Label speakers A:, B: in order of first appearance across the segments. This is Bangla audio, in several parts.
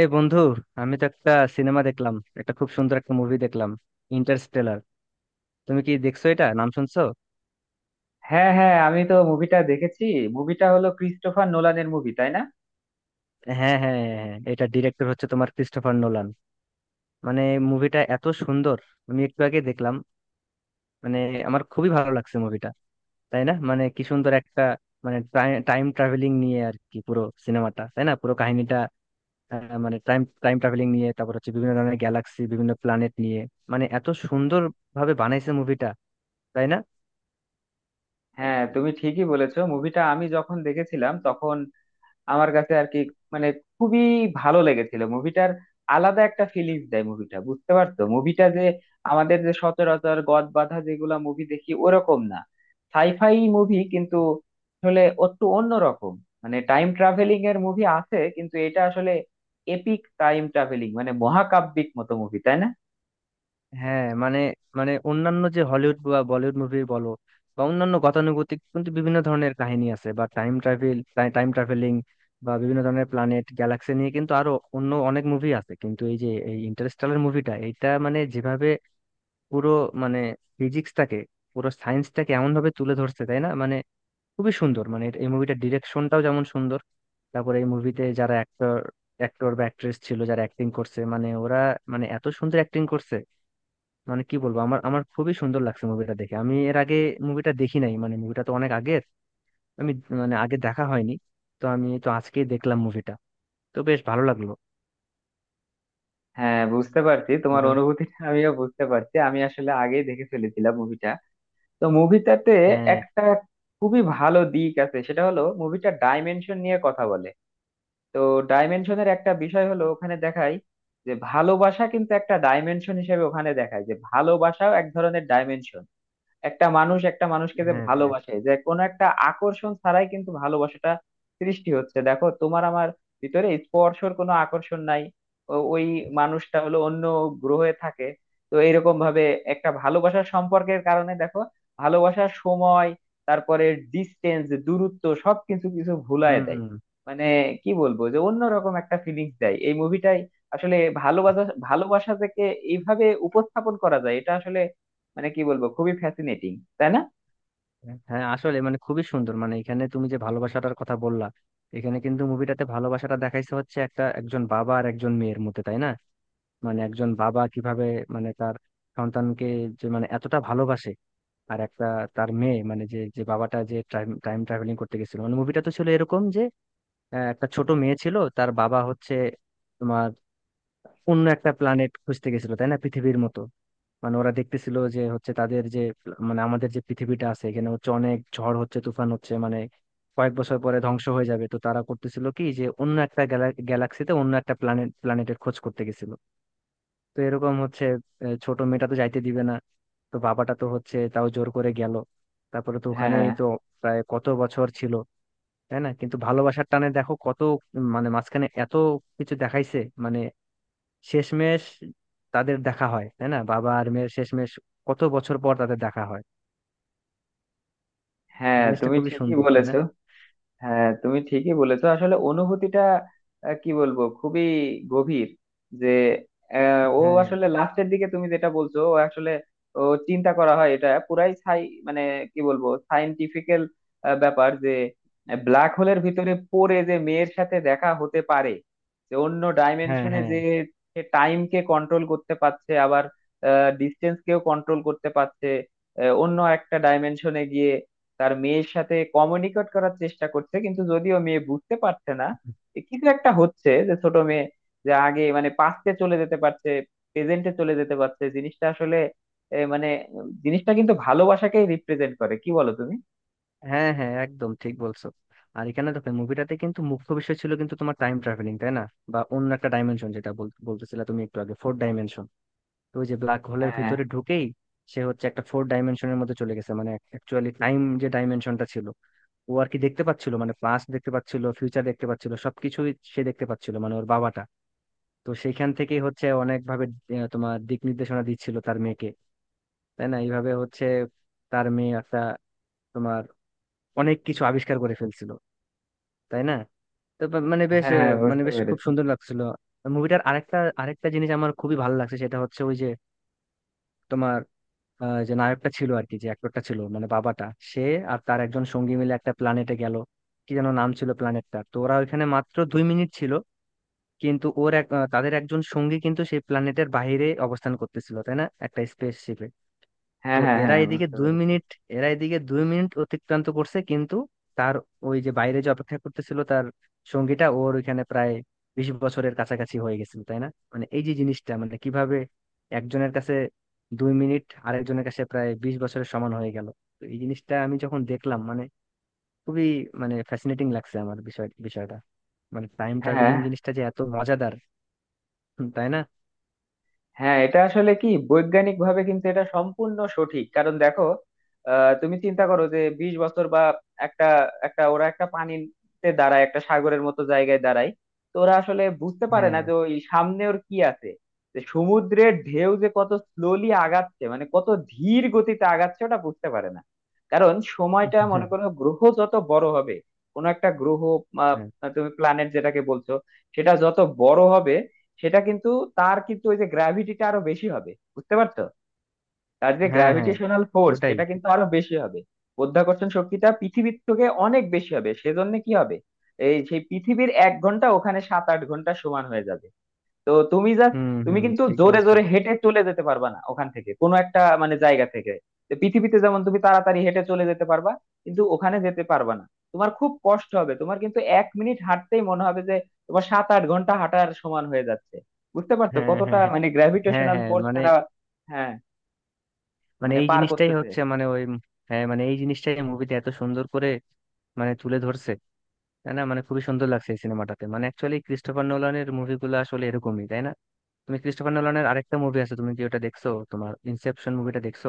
A: এই বন্ধু, আমি তো একটা সিনেমা দেখলাম। একটা খুব সুন্দর একটা মুভি দেখলাম, ইন্টারস্টেলার। তুমি কি দেখছো? এটা নাম শুনছো?
B: হ্যাঁ হ্যাঁ, আমি তো মুভিটা দেখেছি। মুভিটা হলো ক্রিস্টোফার নোলানের মুভি, তাই না?
A: হ্যাঁ, হ্যাঁ, হ্যাঁ, হ্যাঁ, এটা ডিরেক্টর হচ্ছে তোমার ক্রিস্টোফার নোলান। মানে মুভিটা এত সুন্দর, আমি একটু আগে দেখলাম। মানে আমার খুবই ভালো লাগছে মুভিটা, তাই না? মানে কি সুন্দর একটা, মানে টাইম ট্রাভেলিং নিয়ে আর কি পুরো সিনেমাটা, তাই না, পুরো কাহিনীটা। মানে টাইম টাইম ট্রাভেলিং নিয়ে, তারপর হচ্ছে বিভিন্ন ধরনের গ্যালাক্সি, বিভিন্ন প্ল্যানেট নিয়ে। মানে এত সুন্দর ভাবে বানাইছে মুভিটা, তাই না?
B: হ্যাঁ, তুমি ঠিকই বলেছো। মুভিটা আমি যখন দেখেছিলাম তখন আমার কাছে আর কি, মানে খুবই ভালো লেগেছিল মুভিটার। আলাদা একটা ফিলিংস দেয় মুভিটা, বুঝতে পারছো? মুভিটা যে আমাদের যে সচরাচর গদ বাঁধা যেগুলা মুভি দেখি ওরকম না। সাইফাই মুভি কিন্তু আসলে একটু অন্যরকম। মানে টাইম ট্রাভেলিং এর মুভি আছে, কিন্তু এটা আসলে এপিক টাইম ট্রাভেলিং, মানে মহাকাব্যিক মতো মুভি, তাই না?
A: হ্যাঁ, মানে মানে অন্যান্য যে হলিউড বা বলিউড মুভি বলো, বা অন্যান্য গতানুগতিক, কিন্তু বিভিন্ন ধরনের কাহিনী আছে বা টাইম ট্রাভেল, টাইম ট্রাভেলিং, বা বিভিন্ন ধরনের প্ল্যানেট গ্যালাক্সি নিয়ে কিন্তু আরো অন্য অনেক মুভি আছে, কিন্তু এই যে এই ইন্টারস্টেলার মুভিটা, এটা মানে যেভাবে পুরো, মানে ফিজিক্সটাকে, পুরো সায়েন্সটাকে এমন ভাবে তুলে ধরছে, তাই না? মানে খুবই সুন্দর। মানে এটা- এই মুভিটার ডিরেকশনটাও যেমন সুন্দর, তারপরে এই মুভিতে যারা অ্যাক্টর, বা অ্যাক্ট্রেস ছিল, যারা অ্যাক্টিং করছে, মানে ওরা মানে এত সুন্দর অ্যাক্টিং করছে। মানে কি বলবো, আমার আমার খুবই সুন্দর লাগছে মুভিটা দেখে। আমি এর আগে মুভিটা দেখি নাই, মানে মুভিটা তো অনেক আগের, আমি মানে আগে দেখা হয়নি। তো আমি তো আজকেই দেখলাম মুভিটা, তো বেশ ভালো লাগলো।
B: হ্যাঁ, বুঝতে পারছি তোমার
A: এটা-
B: অনুভূতিটা। আমিও বুঝতে পারছি। আমি আসলে আগেই দেখে ফেলেছিলাম মুভিটা। তো মুভিটাতে
A: হ্যাঁ,
B: একটা খুবই ভালো দিক আছে, সেটা হলো মুভিটা ডাইমেনশন নিয়ে কথা বলে। তো ডাইমেনশনের একটা বিষয় হলো, ওখানে দেখায় যে ভালোবাসা কিন্তু একটা ডাইমেনশন হিসেবে। ওখানে দেখায় যে ভালোবাসাও এক ধরনের ডাইমেনশন। একটা মানুষ একটা মানুষকে যে
A: হ্যাঁ।
B: ভালোবাসে, যে কোনো একটা আকর্ষণ ছাড়াই কিন্তু ভালোবাসাটা সৃষ্টি হচ্ছে। দেখো, তোমার আমার ভিতরে স্পর্শর কোনো আকর্ষণ নাই। ওই মানুষটা হলো অন্য গ্রহে থাকে। তো এরকম ভাবে একটা ভালোবাসার সম্পর্কের কারণে দেখো, ভালোবাসার সময়, তারপরে ডিস্টেন্স দূরত্ব সবকিছু কিছু ভুলায় দেয়।
A: হুম।
B: মানে কি বলবো, যে অন্যরকম একটা ফিলিংস দেয় এই মুভিটাই আসলে। ভালোবাসা ভালোবাসা থেকে এইভাবে উপস্থাপন করা যায় এটা আসলে, মানে কি বলবো, খুবই ফ্যাসিনেটিং, তাই না?
A: হ্যাঁ, আসলে মানে খুবই সুন্দর। মানে এখানে তুমি যে ভালোবাসাটার কথা বললা, এখানে কিন্তু মুভিটাতে ভালোবাসাটা দেখাইছে হচ্ছে একটা, একজন বাবা আর একজন মেয়ের মধ্যে, তাই না? মানে একজন বাবা কিভাবে মানে তার সন্তানকে যে মানে এতটা ভালোবাসে। আর একটা তার মেয়ে মানে, যে যে বাবাটা যে টাইম টাইম ট্রাভেলিং করতে গেছিল, মানে মুভিটা তো ছিল এরকম যে একটা ছোট মেয়ে ছিল, তার বাবা হচ্ছে তোমার অন্য একটা প্ল্যানেট খুঁজতে গেছিল, তাই না, পৃথিবীর মতো। মানে ওরা দেখতেছিল যে হচ্ছে তাদের যে মানে আমাদের যে পৃথিবীটা আছে, এখানে হচ্ছে অনেক ঝড় হচ্ছে, তুফান হচ্ছে, মানে কয়েক বছর পরে ধ্বংস হয়ে যাবে। তো তারা করতেছিল কি, যে অন্য একটা গ্যালাক্সিতে অন্য একটা প্ল্যানেটের খোঁজ করতে গেছিল। তো এরকম হচ্ছে ছোট মেয়েটা তো যাইতে দিবে না, তো বাবাটা তো হচ্ছে তাও জোর করে গেল। তারপরে তো ওখানেই
B: হ্যাঁ
A: তো প্রায় কত বছর ছিল, তাই না? কিন্তু ভালোবাসার টানে দেখো কত, মানে মাঝখানে এত কিছু দেখাইছে, মানে শেষমেশ তাদের দেখা হয়, তাই না, বাবা আর মেয়ের শেষমেশ কত বছর পর তাদের দেখা হয়। ওই
B: হ্যাঁ,
A: জিনিসটা
B: তুমি
A: খুবই
B: ঠিকই
A: সুন্দর, তাই না?
B: বলেছো। হ্যাঁ, তুমি ঠিকই বলেছো। আসলে অনুভূতিটা কি বলবো, খুবই গভীর। যে ও
A: হ্যাঁ,
B: আসলে লাস্টের দিকে তুমি যেটা বলছো, ও আসলে, ও চিন্তা করা হয় এটা পুরাই সাই, মানে কি বলবো, সায়েন্টিফিক্যাল ব্যাপার। যে ব্ল্যাক হোলের ভিতরে পড়ে যে মেয়ের সাথে দেখা হতে পারে, যে অন্য
A: হ্যাঁ,
B: ডাইমেনশনে,
A: হ্যাঁ,
B: যে টাইমকে কন্ট্রোল করতে পারছে, আবার ডিস্টেন্স কেও কন্ট্রোল করতে পারছে। অন্য একটা ডাইমেনশনে গিয়ে তার মেয়ের সাথে কমিউনিকেট করার চেষ্টা করছে, কিন্তু যদিও মেয়ে বুঝতে পারছে না। এ কিছু একটা হচ্ছে যে ছোট মেয়ে যে আগে মানে পাস্টে চলে যেতে পারছে, প্রেজেন্টে চলে যেতে পারছে। জিনিসটা আসলে মানে জিনিসটা কিন্তু ভালোবাসাকেই রিপ্রেজেন্ট করে, কি বলো তুমি?
A: হ্যাঁ, হ্যাঁ, একদম ঠিক বলছো। আর এখানে দেখো, মুভিটাতে কিন্তু মুখ্য বিষয় ছিল কিন্তু তোমার টাইম ট্রাভেলিং, তাই না? বা অন্য একটা ডাইমেনশন, যেটা বলতেছিলে তুমি একটু আগে, ফোর ডাইমেনশন। তো ওই যে ব্ল্যাক হোলের
B: হ্যাঁ
A: ভিতরে ঢুকেই সে হচ্ছে একটা ফোর ডাইমেনশনের মধ্যে চলে গেছে, মানে অ্যাকচুয়ালি টাইম যে ডাইমেনশনটা ছিল, ও আর কি দেখতে পাচ্ছিল, মানে পাস্ট দেখতে পাচ্ছিল, ফিউচার দেখতে পাচ্ছিল, সবকিছুই সে দেখতে পাচ্ছিল, মানে ওর বাবাটা। তো সেইখান থেকেই হচ্ছে অনেক ভাবে তোমার দিক নির্দেশনা দিচ্ছিল তার মেয়েকে, তাই না? এইভাবে হচ্ছে তার মেয়ে একটা তোমার অনেক কিছু আবিষ্কার করে ফেলছিল, তাই না? তো মানে বেশ
B: হ্যাঁ হ্যাঁ,
A: মানে
B: বুঝতে
A: বেশ খুব
B: পেরেছি।
A: সুন্দর লাগছিল মুভিটার। আরেকটা, আরেকটা জিনিস আমার খুবই ভালো লাগছে, সেটা হচ্ছে ওই যে তোমার যে নায়কটা ছিল আর কি, যে অ্যাক্টরটা ছিল মানে বাবাটা, সে আর তার একজন সঙ্গী মিলে একটা প্ল্যানেটে গেল। কি যেন নাম ছিল প্ল্যানেটটা। তো ওরা ওইখানে মাত্র 2 মিনিট ছিল, কিন্তু ওর এক তাদের একজন সঙ্গী কিন্তু সেই প্ল্যানেটের বাইরে অবস্থান করতেছিল, তাই না, একটা স্পেস।
B: হ্যাঁ
A: তো
B: হ্যাঁ হ্যাঁ, বুঝতে পেরেছি।
A: এরা এদিকে দুই মিনিট অতিক্রান্ত করছে, কিন্তু তার ওই যে বাইরে যে অপেক্ষা করতেছিল, তার সঙ্গীটা ওর ওইখানে প্রায় 20 বছরের কাছাকাছি হয়ে গেছিল, তাই না? মানে এই যে জিনিসটা মানে কিভাবে একজনের কাছে 2 মিনিট আরেকজনের কাছে প্রায় 20 বছরের সমান হয়ে গেল। তো এই জিনিসটা আমি যখন দেখলাম, মানে খুবই মানে ফ্যাসিনেটিং লাগছে আমার বিষয়টা। মানে টাইম
B: হ্যাঁ
A: ট্রাভেলিং জিনিসটা যে এত মজাদার। হুম, তাই না?
B: হ্যাঁ, এটা আসলে কি, বৈজ্ঞানিক ভাবে কিন্তু এটা সম্পূর্ণ সঠিক। কারণ দেখো, তুমি চিন্তা করো যে 20 বছর বা, একটা একটা ওরা একটা পানিতে দাঁড়ায়, একটা সাগরের মতো জায়গায় দাঁড়ায়। তো ওরা আসলে বুঝতে পারে না
A: হ্যাঁ,
B: যে ওই সামনে ওর কি আছে, যে সমুদ্রের ঢেউ যে কত স্লোলি আগাচ্ছে, মানে কত ধীর গতিতে আগাচ্ছে, ওটা বুঝতে পারে না। কারণ সময়টা, মনে
A: হ্যাঁ,
B: করো, গ্রহ যত বড় হবে, কোনো একটা গ্রহ, আহ,
A: হ্যাঁ,
B: তুমি প্ল্যানেট যেটাকে বলছো, সেটা যত বড় হবে, সেটা কিন্তু, তার কিন্তু ওই যে গ্র্যাভিটিটা আরো বেশি হবে, বুঝতে পারছো? তার যে
A: হ্যাঁ, হ্যাঁ,
B: গ্র্যাভিটেশনাল ফোর্স
A: ওটাই।
B: সেটা কিন্তু আরো বেশি হবে। মাধ্যাকর্ষণ শক্তিটা পৃথিবীর থেকে অনেক বেশি হবে। সেজন্য কি হবে, এই সেই পৃথিবীর 1 ঘন্টা ওখানে 7-8 ঘন্টা সমান হয়ে যাবে। তো
A: হুম,
B: তুমি
A: হুম,
B: কিন্তু
A: ঠিক
B: জোরে
A: বলছো।
B: জোরে হেঁটে চলে যেতে পারবা না ওখান থেকে, কোনো একটা মানে জায়গা থেকে। তো পৃথিবীতে যেমন তুমি তাড়াতাড়ি হেঁটে চলে যেতে পারবা, কিন্তু ওখানে যেতে পারবা না। তোমার খুব কষ্ট হবে। তোমার কিন্তু 1 মিনিট হাঁটতেই মনে হবে যে তোমার 7-8 ঘন্টা হাঁটার সমান হয়ে যাচ্ছে। বুঝতে পারছো
A: হ্যাঁ,
B: কতটা
A: হ্যাঁ, হ্যাঁ,
B: মানে
A: হ্যাঁ,
B: গ্র্যাভিটেশনাল
A: হ্যাঁ
B: ফোর্স
A: মানে
B: তারা, হ্যাঁ,
A: মানে
B: মানে
A: এই
B: পার
A: জিনিসটাই
B: করতেছে।
A: হচ্ছে মানে ওই, হ্যাঁ মানে এই জিনিসটাই মুভিতে এত সুন্দর করে মানে তুলে ধরছে, তাই না? মানে খুবই সুন্দর লাগছে এই সিনেমাটাতে। মানে অ্যাকচুয়ালি ক্রিস্টোফার নোলানের মুভিগুলো আসলে এরকমই, তাই না? তুমি ক্রিস্টোফার নোলানের আরেকটা মুভি আছে, তুমি কি ওটা দেখছো, তোমার ইনসেপশন মুভিটা দেখছো?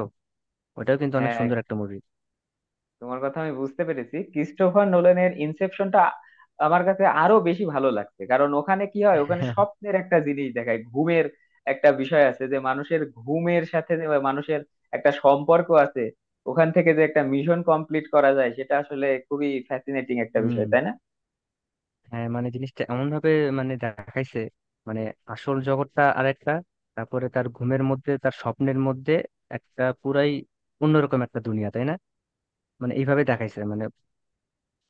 A: ওটাও কিন্তু অনেক
B: হ্যাঁ,
A: সুন্দর একটা মুভি।
B: তোমার কথা আমি বুঝতে পেরেছি। ক্রিস্টোফার নোলানের ইনসেপশনটা আমার কাছে আরো বেশি ভালো লাগছে, কারণ ওখানে কি হয়, ওখানে স্বপ্নের একটা জিনিস দেখায়, ঘুমের একটা বিষয় আছে, যে মানুষের ঘুমের সাথে যে মানুষের একটা সম্পর্ক আছে। ওখান থেকে যে একটা মিশন কমপ্লিট করা যায়, সেটা আসলে খুবই ফ্যাসিনেটিং একটা
A: হুম।
B: বিষয়, তাই না?
A: হ্যাঁ, মানে জিনিসটা এমন ভাবে মানে দেখাইছে, মানে আসল জগৎটা আরেকটা, তারপরে তার ঘুমের মধ্যে, তার স্বপ্নের মধ্যে একটা পুরাই অন্যরকম একটা দুনিয়া, তাই না? মানে এইভাবে দেখাইছে মানে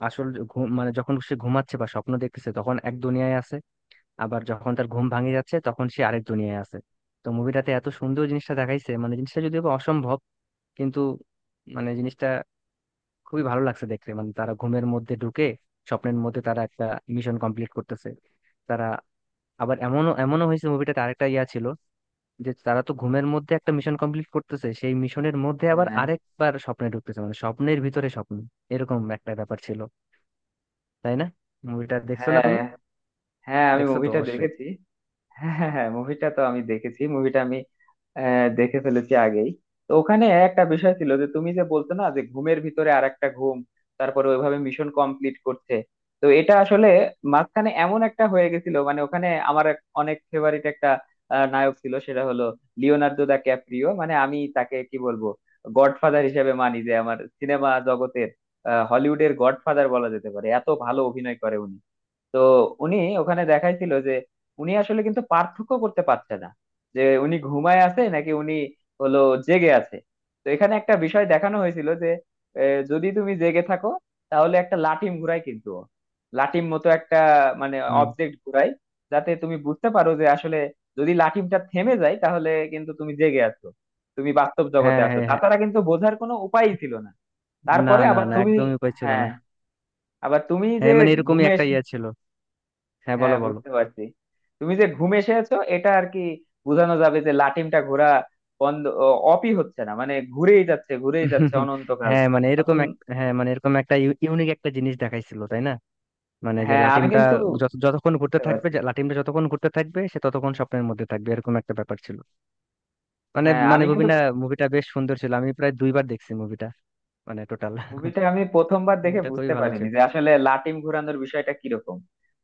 A: আসল যে ঘুম, মানে যখন সে ঘুমাচ্ছে বা স্বপ্ন দেখতেছে তখন এক দুনিয়ায় আছে, আবার যখন তার ঘুম ভাঙে যাচ্ছে তখন সে আরেক দুনিয়ায় আছে। তো মুভিটাতে এত সুন্দর জিনিসটা দেখাইছে, মানে জিনিসটা যদিও বা অসম্ভব, কিন্তু মানে জিনিসটা খুবই ভালো লাগছে দেখতে। মানে তারা ঘুমের মধ্যে ঢুকে স্বপ্নের মধ্যে তারা একটা মিশন কমপ্লিট করতেছে। তারা আবার এমনও এমনও হয়েছে মুভিটাতে, আরেকটা ইয়া ছিল যে তারা তো ঘুমের মধ্যে একটা মিশন কমপ্লিট করতেছে, সেই মিশনের মধ্যে আবার
B: হ্যাঁ
A: আরেকবার স্বপ্নে ঢুকতেছে, মানে স্বপ্নের ভিতরে স্বপ্ন, এরকম একটা ব্যাপার ছিল, তাই না? মুভিটা দেখছো না
B: হ্যাঁ
A: তুমি?
B: হ্যাঁ, আমি
A: দেখছো তো
B: মুভিটা
A: অবশ্যই।
B: দেখেছি। হ্যাঁ হ্যাঁ হ্যাঁ, মুভিটা তো আমি দেখেছি। মুভিটা আমি দেখে ফেলেছি আগেই। তো ওখানে একটা বিষয় ছিল যে তুমি যে বলছো না, যে ঘুমের ভিতরে আর একটা ঘুম, তারপরে ওইভাবে মিশন কমপ্লিট করছে। তো এটা আসলে মাঝখানে এমন একটা হয়ে গেছিল, মানে ওখানে আমার অনেক ফেভারিট একটা নায়ক ছিল, সেটা হলো লিওনার্দো দা ক্যাপ্রিও। মানে আমি তাকে কি বলবো, গডফাদার হিসেবে মানি যে, আমার সিনেমা জগতের হলিউডের গডফাদার বলা যেতে পারে। এত ভালো অভিনয় করে উনি। তো উনি ওখানে দেখাইছিল যে উনি আসলে কিন্তু পার্থক্য করতে পারছে না, যে উনি ঘুমায় আছে নাকি উনি হলো জেগে আছে। তো এখানে একটা বিষয় দেখানো হয়েছিল যে যদি তুমি জেগে থাকো, তাহলে একটা লাটিম ঘুরায়, কিন্তু ও। লাটিম মতো একটা মানে
A: হুম।
B: অবজেক্ট ঘুরায়, যাতে তুমি বুঝতে পারো যে আসলে, যদি লাটিমটা থেমে যায়, তাহলে কিন্তু তুমি জেগে আছো, তুমি বাস্তব জগতে
A: হ্যাঁ,
B: আছো।
A: হ্যাঁ, হ্যাঁ,
B: তাছাড়া কিন্তু বোঝার কোনো উপায়ই ছিল না।
A: না,
B: তারপরে
A: না,
B: আবার
A: না,
B: তুমি,
A: একদমই উপায় ছিল
B: হ্যাঁ,
A: না।
B: আবার তুমি যে
A: হ্যাঁ, মানে এরকমই
B: ঘুমে,
A: একটা ইয়ে ছিল। হ্যাঁ, বলো,
B: হ্যাঁ,
A: বলো।
B: বুঝতে পারছি, তুমি যে ঘুম এসেছো এটা আর কি বোঝানো যাবে, যে লাটিমটা ঘোরা বন্ধ অপই হচ্ছে না, মানে ঘুরেই যাচ্ছে ঘুরেই যাচ্ছে অনন্তকাল।
A: হ্যাঁ, মানে এরকম
B: এখন
A: এক, হ্যাঁ, মানে এরকম একটা ইউনিক একটা জিনিস দেখাইছিল, তাই না? মানে যে
B: হ্যাঁ, আমি
A: লাটিমটা
B: কিন্তু
A: যতক্ষণ ঘুরতে
B: বুঝতে
A: থাকবে,
B: পারছি।
A: যে লাটিমটা যতক্ষণ ঘুরতে থাকবে, সে ততক্ষণ স্বপ্নের মধ্যে থাকবে, এরকম একটা ব্যাপার ছিল। মানে
B: হ্যাঁ,
A: মানে
B: আমি কিন্তু,
A: মুভিটা, মুভিটা বেশ সুন্দর ছিল, আমি প্রায় দুইবার দেখছি মুভিটা, মানে টোটাল।
B: মুভিটা আমি প্রথমবার দেখে
A: মুভিটা খুবই
B: বুঝতে
A: ভালো
B: পারিনি
A: ছিল।
B: যে আসলে লাটিম ঘোরানোর বিষয়টা কিরকম।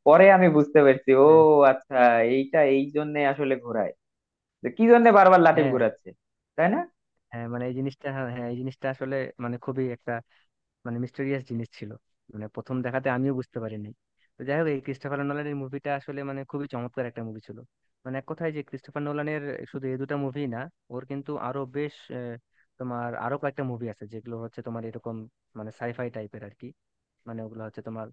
B: পরে আমি বুঝতে পেরেছি, ও
A: হ্যাঁ,
B: আচ্ছা, এইটা এই জন্য আসলে ঘোরায়, যে কি জন্য বারবার লাটিম
A: হ্যাঁ,
B: ঘোরাচ্ছে, তাই না?
A: হ্যাঁ মানে এই জিনিসটা, হ্যাঁ, হ্যাঁ, এই জিনিসটা আসলে মানে খুবই একটা মানে মিস্টেরিয়াস জিনিস ছিল, মানে প্রথম দেখাতে আমিও বুঝতে পারিনি। তো যাই হোক, এই ক্রিস্টোফার নোলানের মুভিটা আসলে মানে খুবই চমৎকার একটা মুভি ছিল। মানে এক কথায়, যে ক্রিস্টোফার নোলানের শুধু এই দুটো মুভি না, ওর কিন্তু আরো বেশ তোমার আরো কয়েকটা মুভি আছে যেগুলো হচ্ছে তোমার এরকম মানে সাইফাই টাইপের আর কি, মানে ওগুলো হচ্ছে তোমার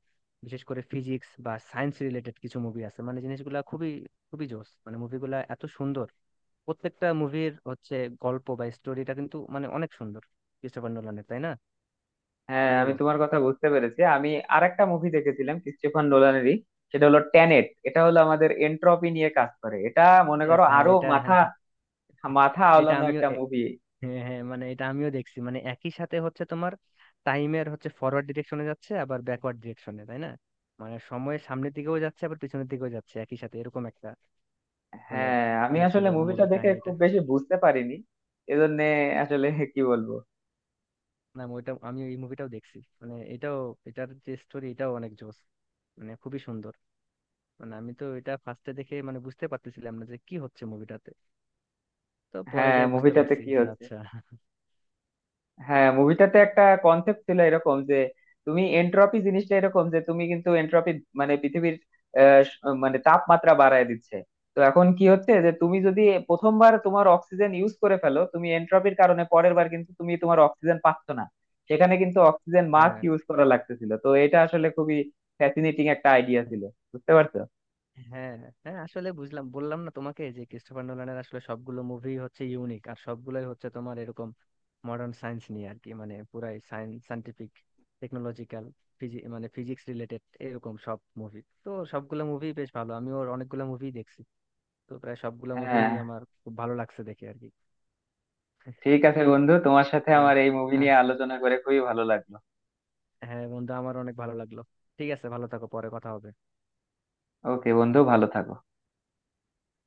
A: বিশেষ করে ফিজিক্স বা সায়েন্স রিলেটেড কিছু মুভি আছে, মানে জিনিসগুলা খুবই খুবই জোস। মানে মুভিগুলা এত সুন্দর, প্রত্যেকটা মুভির হচ্ছে গল্প বা স্টোরিটা কিন্তু মানে অনেক সুন্দর ক্রিস্টোফার নোলানের, তাই না?
B: হ্যাঁ,
A: কি
B: আমি
A: বলো?
B: তোমার কথা বুঝতে পেরেছি। আমি আরেকটা মুভি দেখেছিলাম ক্রিস্টোফার নোলানেরই, সেটা হলো ট্যানেট। এটা হলো আমাদের এন্ট্রপি নিয়ে কাজ করে এটা। মনে করো
A: ইয়েস, হ্যাঁ,
B: আরো
A: এটা,
B: মাথা
A: হ্যাঁ, হ্যাঁ,
B: মাথা
A: এটা
B: আওলানো
A: আমিও
B: একটা মুভি।
A: হ্যাঁ, হ্যাঁ, মানে এটা আমিও দেখছি, মানে একই সাথে হচ্ছে তোমার টাইমের হচ্ছে ফরওয়ার্ড ডিরেকশনে যাচ্ছে, আবার ব্যাকওয়ার্ড ডিরেকশনে, তাই না? মানে সময়ের সামনের দিকেও যাচ্ছে, আবার পিছনের দিকেও যাচ্ছে একই সাথে, এরকম একটা মানে
B: হ্যাঁ, আমি
A: ইয়ে
B: আসলে
A: ছিল
B: মুভিটা
A: মুভির
B: দেখে
A: কাহিনীটা।
B: খুব বেশি বুঝতে পারিনি, এজন্য আসলে কি বলবো।
A: না, ওইটা আমি এই মুভিটাও দেখছি, মানে এটাও এটার যে স্টোরি এটাও অনেক জোস, মানে খুবই সুন্দর। মানে আমি তো এটা ফার্স্টে দেখে মানে বুঝতে পারতেছিলাম না যে কি হচ্ছে মুভিটাতে, তো পরে
B: হ্যাঁ,
A: যাই বুঝতে
B: মুভিটাতে
A: পারছি
B: কি
A: যে
B: হচ্ছে।
A: আচ্ছা।
B: হ্যাঁ, মুভিটাতে একটা কনসেপ্ট ছিল এরকম যে, তুমি এন্ট্রপি জিনিসটা এরকম যে, তুমি কিন্তু এন্ট্রপি মানে পৃথিবীর মানে তাপমাত্রা বাড়ায় দিচ্ছে। তো এখন কি হচ্ছে যে, তুমি যদি প্রথমবার তোমার অক্সিজেন ইউজ করে ফেলো, তুমি এন্ট্রপির কারণে পরের বার কিন্তু তুমি তোমার অক্সিজেন পাচ্ছ না। সেখানে কিন্তু অক্সিজেন মাস্ক
A: হ্যাঁ,
B: ইউজ করা লাগতেছিল। তো এটা আসলে খুবই ফ্যাসিনেটিং একটা আইডিয়া
A: হ্যাঁ।
B: ছিল, বুঝতে পারছো?
A: হ্যাঁ, হ্যাঁ, আসলে বুঝলাম, বললাম না তোমাকে যে ক্রিস্টোফার নোলানের আসলে সবগুলো মুভি হচ্ছে ইউনিক, আর সবগুলোই হচ্ছে তোমার এরকম মডার্ন সায়েন্স নিয়ে আর কি, মানে পুরাই সায়েন্স, সায়েন্টিফিক, টেকনোলজিক্যাল, মানে ফিজিক্স রিলেটেড এরকম সব মুভি। তো সবগুলো মুভি বেশ ভালো, আমি ওর অনেকগুলো মুভি দেখছি, তো প্রায় সবগুলো মুভি
B: হ্যাঁ,
A: আমার খুব ভালো লাগছে দেখে আর কি।
B: ঠিক আছে বন্ধু, তোমার সাথে
A: আহ,
B: আমার এই মুভি নিয়ে
A: আস-
B: আলোচনা করে খুবই ভালো লাগলো।
A: হ্যাঁ বন্ধু, আমার অনেক ভালো লাগলো। ঠিক আছে, ভালো থাকো, পরে কথা হবে।
B: ওকে বন্ধু, ভালো থাকো।